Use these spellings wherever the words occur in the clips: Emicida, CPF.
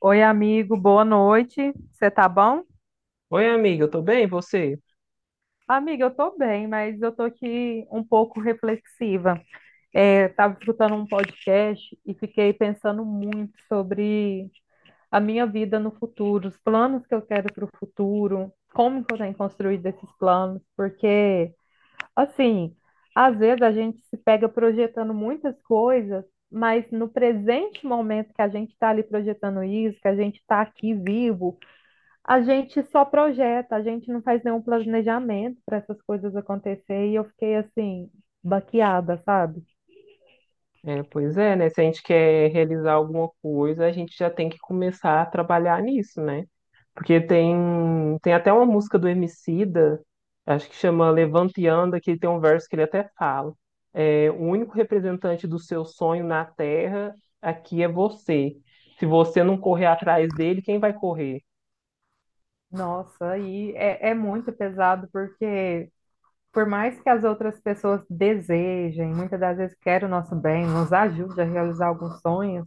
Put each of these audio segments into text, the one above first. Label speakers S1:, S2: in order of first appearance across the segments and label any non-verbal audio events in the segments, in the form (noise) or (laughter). S1: Oi, amigo, boa noite. Você tá bom?
S2: Oi, amiga, eu tô bem, e você?
S1: Amiga, eu tô bem, mas eu tô aqui um pouco reflexiva. É, tava escutando um podcast e fiquei pensando muito sobre a minha vida no futuro, os planos que eu quero para o futuro, como que eu tenho construído esses planos, porque, assim, às vezes a gente se pega projetando muitas coisas, mas no presente momento que a gente está ali projetando isso, que a gente está aqui vivo, a gente só projeta, a gente não faz nenhum planejamento para essas coisas acontecer e eu fiquei assim, baqueada, sabe?
S2: Pois é, né? Se a gente quer realizar alguma coisa, a gente já tem que começar a trabalhar nisso, né? Porque tem, tem até uma música do Emicida, acho que chama Levante e Anda, que tem um verso que ele até fala. O único representante do seu sonho na Terra aqui é você. Se você não correr atrás dele, quem vai correr?
S1: Nossa, é muito pesado porque por mais que as outras pessoas desejem, muitas das vezes querem o nosso bem, nos ajude a realizar alguns sonhos,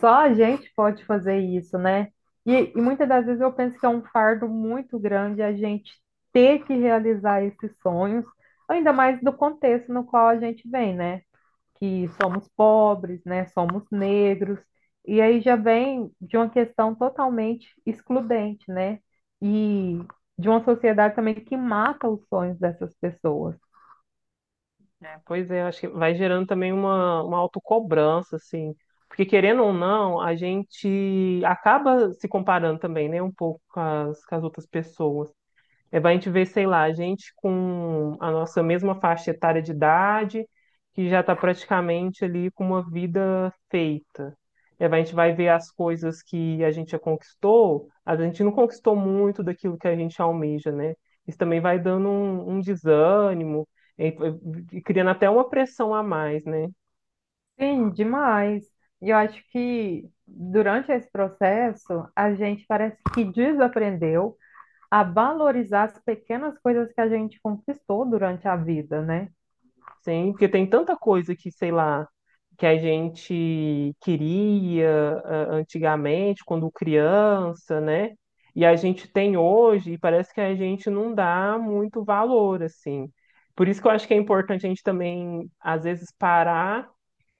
S1: só a gente pode fazer isso, né? E muitas das vezes eu penso que é um fardo muito grande a gente ter que realizar esses sonhos, ainda mais do contexto no qual a gente vem, né? Que somos pobres, né? Somos negros. E aí já vem de uma questão totalmente excludente, né? E de uma sociedade também que mata os sonhos dessas pessoas.
S2: Pois é, acho que vai gerando também uma autocobrança, assim. Porque querendo ou não, a gente acaba se comparando também, né, um pouco com as outras pessoas. Vai a gente ver, sei lá, gente com a nossa mesma faixa etária de idade, que já está praticamente ali com uma vida feita. Vai a gente vai ver as coisas que a gente já conquistou, a gente não conquistou muito daquilo que a gente almeja, né? Isso também vai dando um desânimo, e, e criando até uma pressão a mais, né?
S1: Sim, demais. E eu acho que durante esse processo, a gente parece que desaprendeu a valorizar as pequenas coisas que a gente conquistou durante a vida, né?
S2: Sim, porque tem tanta coisa que, sei lá, que a gente queria antigamente, quando criança, né? E a gente tem hoje, e parece que a gente não dá muito valor, assim. Por isso que eu acho que é importante a gente também, às vezes, parar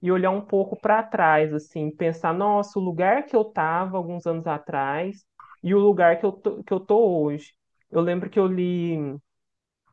S2: e olhar um pouco para trás, assim, pensar, nossa, o lugar que eu estava alguns anos atrás e o lugar que eu tô hoje. Eu lembro que eu li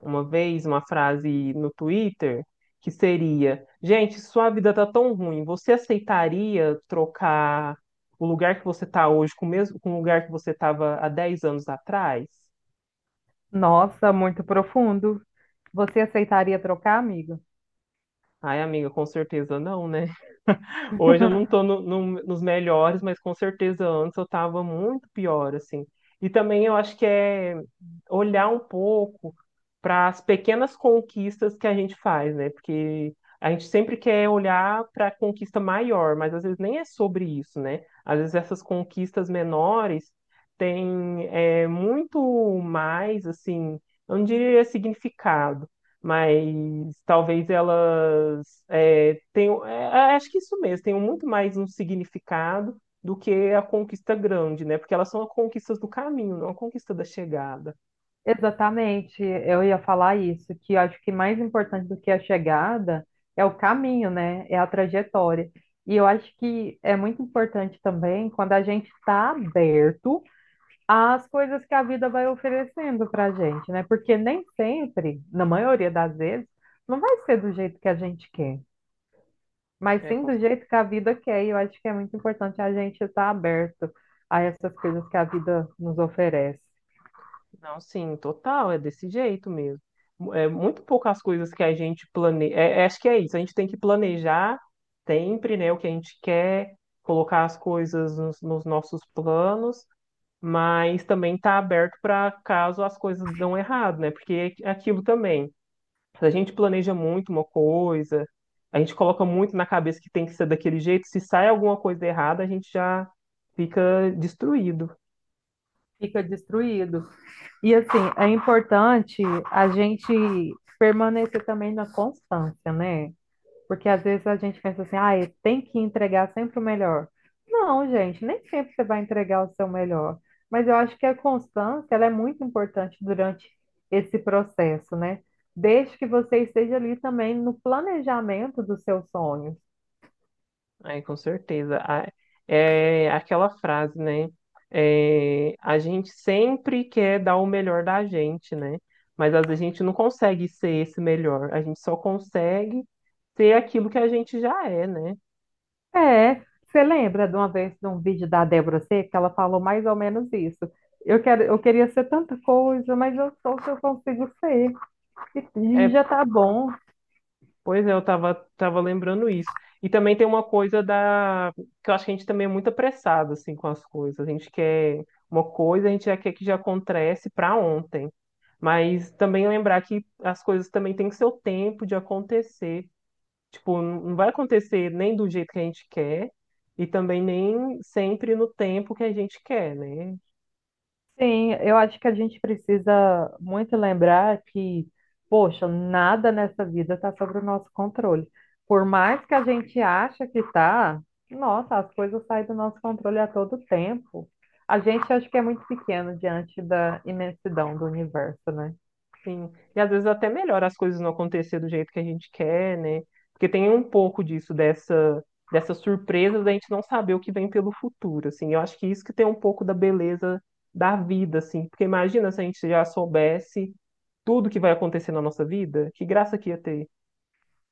S2: uma vez uma frase no Twitter que seria: gente, sua vida tá tão ruim, você aceitaria trocar o lugar que você tá hoje com o lugar que você tava há 10 anos atrás?
S1: Nossa, muito profundo. Você aceitaria trocar, amiga?
S2: Ai, amiga, com certeza não, né? Hoje eu não tô nos melhores, mas com certeza antes eu tava muito pior, assim. E também eu acho que é olhar um pouco para as pequenas conquistas que a gente faz, né? Porque a gente sempre quer olhar para a conquista maior, mas às vezes nem é sobre isso, né? Às vezes essas conquistas menores têm muito mais, assim, eu não diria significado, mas talvez elas acho que isso mesmo, tenham muito mais um significado do que a conquista grande, né? Porque elas são as conquistas do caminho, não a conquista da chegada.
S1: Exatamente, eu ia falar isso, que eu acho que mais importante do que a chegada é o caminho, né? É a trajetória. E eu acho que é muito importante também quando a gente está aberto às coisas que a vida vai oferecendo para a gente, né? Porque nem sempre, na maioria das vezes, não vai ser do jeito que a gente quer, mas
S2: É,
S1: sim
S2: com-
S1: do
S2: cer-
S1: jeito que a vida quer. E eu acho que é muito importante a gente estar aberto a essas coisas que a vida nos oferece.
S2: não, sim, total, é desse jeito mesmo. É muito poucas coisas que a gente planeja. Acho que é isso, a gente tem que planejar sempre, né, o que a gente quer, colocar as coisas nos nossos planos, mas também está aberto para caso as coisas dão errado, né? Porque é aquilo também. Se a gente planeja muito uma coisa, a gente coloca muito na cabeça que tem que ser daquele jeito, se sai alguma coisa errada, a gente já fica destruído.
S1: Fica destruído. E assim, é importante a gente permanecer também na constância, né? Porque às vezes a gente pensa assim, ah, tem que entregar sempre o melhor. Não, gente, nem sempre você vai entregar o seu melhor. Mas eu acho que a constância, ela é muito importante durante esse processo, né? Desde que você esteja ali também no planejamento do seu sonho.
S2: Aí, com certeza. É aquela frase, né? A gente sempre quer dar o melhor da gente, né? Mas às vezes a gente não consegue ser esse melhor, a gente só consegue ser aquilo que a gente já é, né?
S1: É, você lembra de uma vez de um vídeo da Débora Seca, que ela falou mais ou menos isso. Eu queria ser tanta coisa, mas eu sou o que eu consigo ser. E
S2: É
S1: já tá bom.
S2: Pois é, tava lembrando isso. E também tem uma coisa da... que eu acho que a gente também é muito apressado, assim, com as coisas. A gente quer uma coisa, a gente já quer que já acontece para ontem. Mas também lembrar que as coisas também têm seu tempo de acontecer. Tipo, não vai acontecer nem do jeito que a gente quer e também nem sempre no tempo que a gente quer, né?
S1: Sim, eu acho que a gente precisa muito lembrar que, poxa, nada nessa vida está sobre o nosso controle. Por mais que a gente ache que tá, nossa, as coisas saem do nosso controle a todo tempo. A gente acha que é muito pequeno diante da imensidão do universo, né?
S2: Sim. E às vezes até melhor as coisas não acontecer do jeito que a gente quer, né? Porque tem um pouco disso, dessa surpresa da gente não saber o que vem pelo futuro, assim. Eu acho que isso que tem um pouco da beleza da vida, assim. Porque imagina se a gente já soubesse tudo que vai acontecer na nossa vida, que graça que ia ter.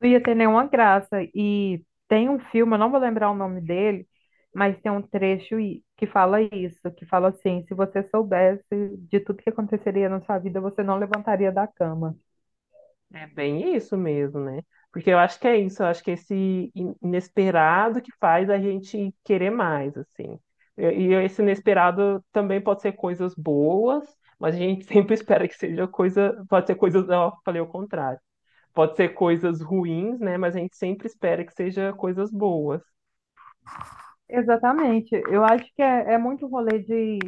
S1: Não ia ter nenhuma graça. E tem um filme, eu não vou lembrar o nome dele, mas tem um que fala isso, que fala assim, se você soubesse de tudo que aconteceria na sua vida, você não levantaria da cama.
S2: É bem isso mesmo, né? Porque eu acho que é isso, eu acho que é inesperado que faz a gente querer mais, assim. E esse inesperado também pode ser coisas boas, mas a gente (laughs) sempre espera que seja coisa, pode ser coisas, ó, falei o contrário. Pode ser coisas ruins, né? Mas a gente sempre espera que seja coisas boas.
S1: Exatamente. Eu acho que é muito rolê de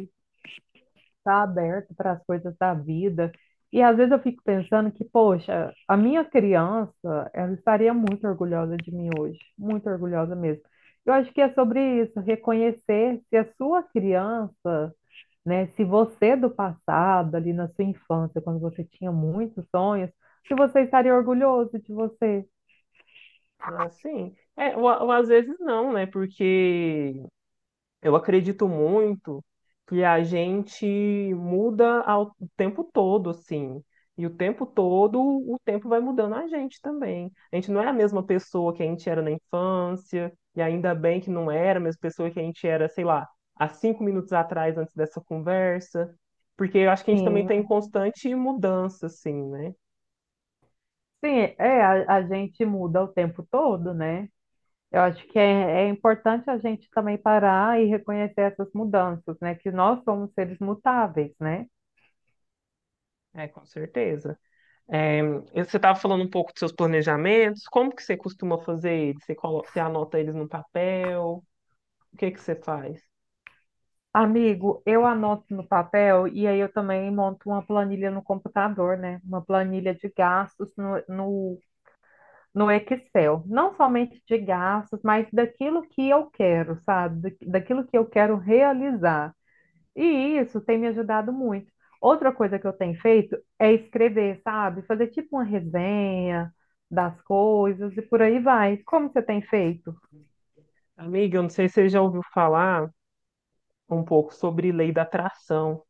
S1: estar aberto para as coisas da vida. E às vezes eu fico pensando que, poxa, a minha criança, ela estaria muito orgulhosa de mim hoje, muito orgulhosa mesmo. Eu acho que é sobre isso, reconhecer se a sua criança, né? Se você é do passado, ali na sua infância, quando você tinha muitos sonhos, se você estaria orgulhoso de você.
S2: Ah, sim. Ou às vezes não, né? Porque eu acredito muito que a gente muda o tempo todo, assim. E o tempo todo, o tempo vai mudando a gente também. A gente não é a mesma pessoa que a gente era na infância, e ainda bem que não era a mesma pessoa que a gente era, sei lá, há 5 minutos atrás, antes dessa conversa. Porque eu acho que a gente também está em
S1: Sim.
S2: constante mudança, assim, né?
S1: Sim, a gente muda o tempo todo, né? Eu acho que é importante a gente também parar e reconhecer essas mudanças, né? Que nós somos seres mutáveis, né?
S2: É, com certeza. É, você estava falando um pouco dos seus planejamentos, como que você costuma fazer eles? Você anota eles no papel? O que que você faz?
S1: Amigo, eu anoto no papel e aí eu também monto uma planilha no computador, né? Uma planilha de gastos no, no Excel, não somente de gastos, mas daquilo que eu quero, sabe? Daquilo que eu quero realizar. E isso tem me ajudado muito. Outra coisa que eu tenho feito é escrever, sabe? Fazer tipo uma resenha das coisas e por aí vai. Como você tem feito?
S2: Amiga, eu não sei se você já ouviu falar um pouco sobre lei da atração.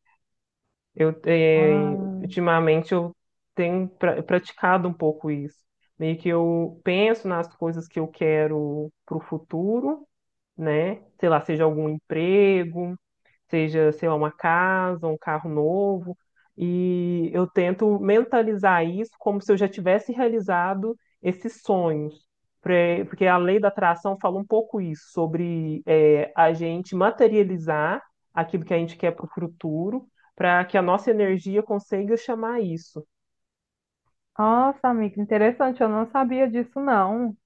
S1: Ah,
S2: Ultimamente eu praticado um pouco isso. Meio que eu penso nas coisas que eu quero para o futuro, né? Sei lá, seja algum emprego, seja, sei lá, uma casa, um carro novo, e eu tento mentalizar isso como se eu já tivesse realizado esses sonhos. Porque a lei da atração fala um pouco isso, sobre a gente materializar aquilo que a gente quer para o futuro, para que a nossa energia consiga chamar isso.
S1: nossa, amiga, interessante. Eu não sabia disso, não.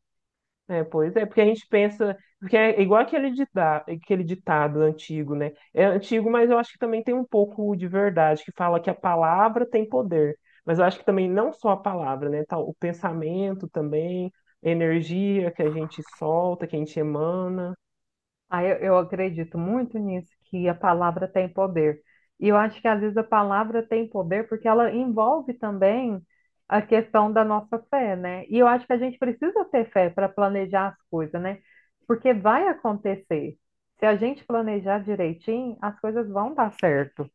S2: Pois é, porque a gente pensa, porque é igual aquele ditado antigo, né? É antigo, mas eu acho que também tem um pouco de verdade, que fala que a palavra tem poder. Mas eu acho que também não só a palavra, né? Tal, o pensamento também, a energia que a gente solta, que a gente emana.
S1: Ah, eu acredito muito nisso, que a palavra tem poder. E eu acho que às vezes a palavra tem poder porque ela envolve também a questão da nossa fé, né? E eu acho que a gente precisa ter fé para planejar as coisas, né? Porque vai acontecer. Se a gente planejar direitinho, as coisas vão dar certo.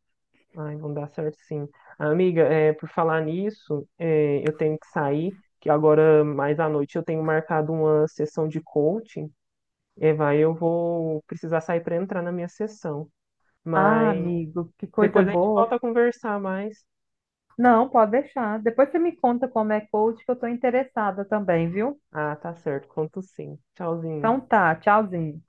S2: Ai, vão dar certo sim. Amiga, por falar nisso, eu tenho que sair, que agora mais à noite eu tenho marcado uma sessão de coaching. Eu vou precisar sair para entrar na minha sessão.
S1: Ah,
S2: Mas
S1: amigo, que coisa
S2: depois a gente
S1: boa.
S2: volta a conversar mais.
S1: Não, pode deixar. Depois você me conta como é coach, que eu estou interessada também, viu?
S2: Ah, tá certo. Conto sim. Tchauzinho.
S1: Então tá, tchauzinho.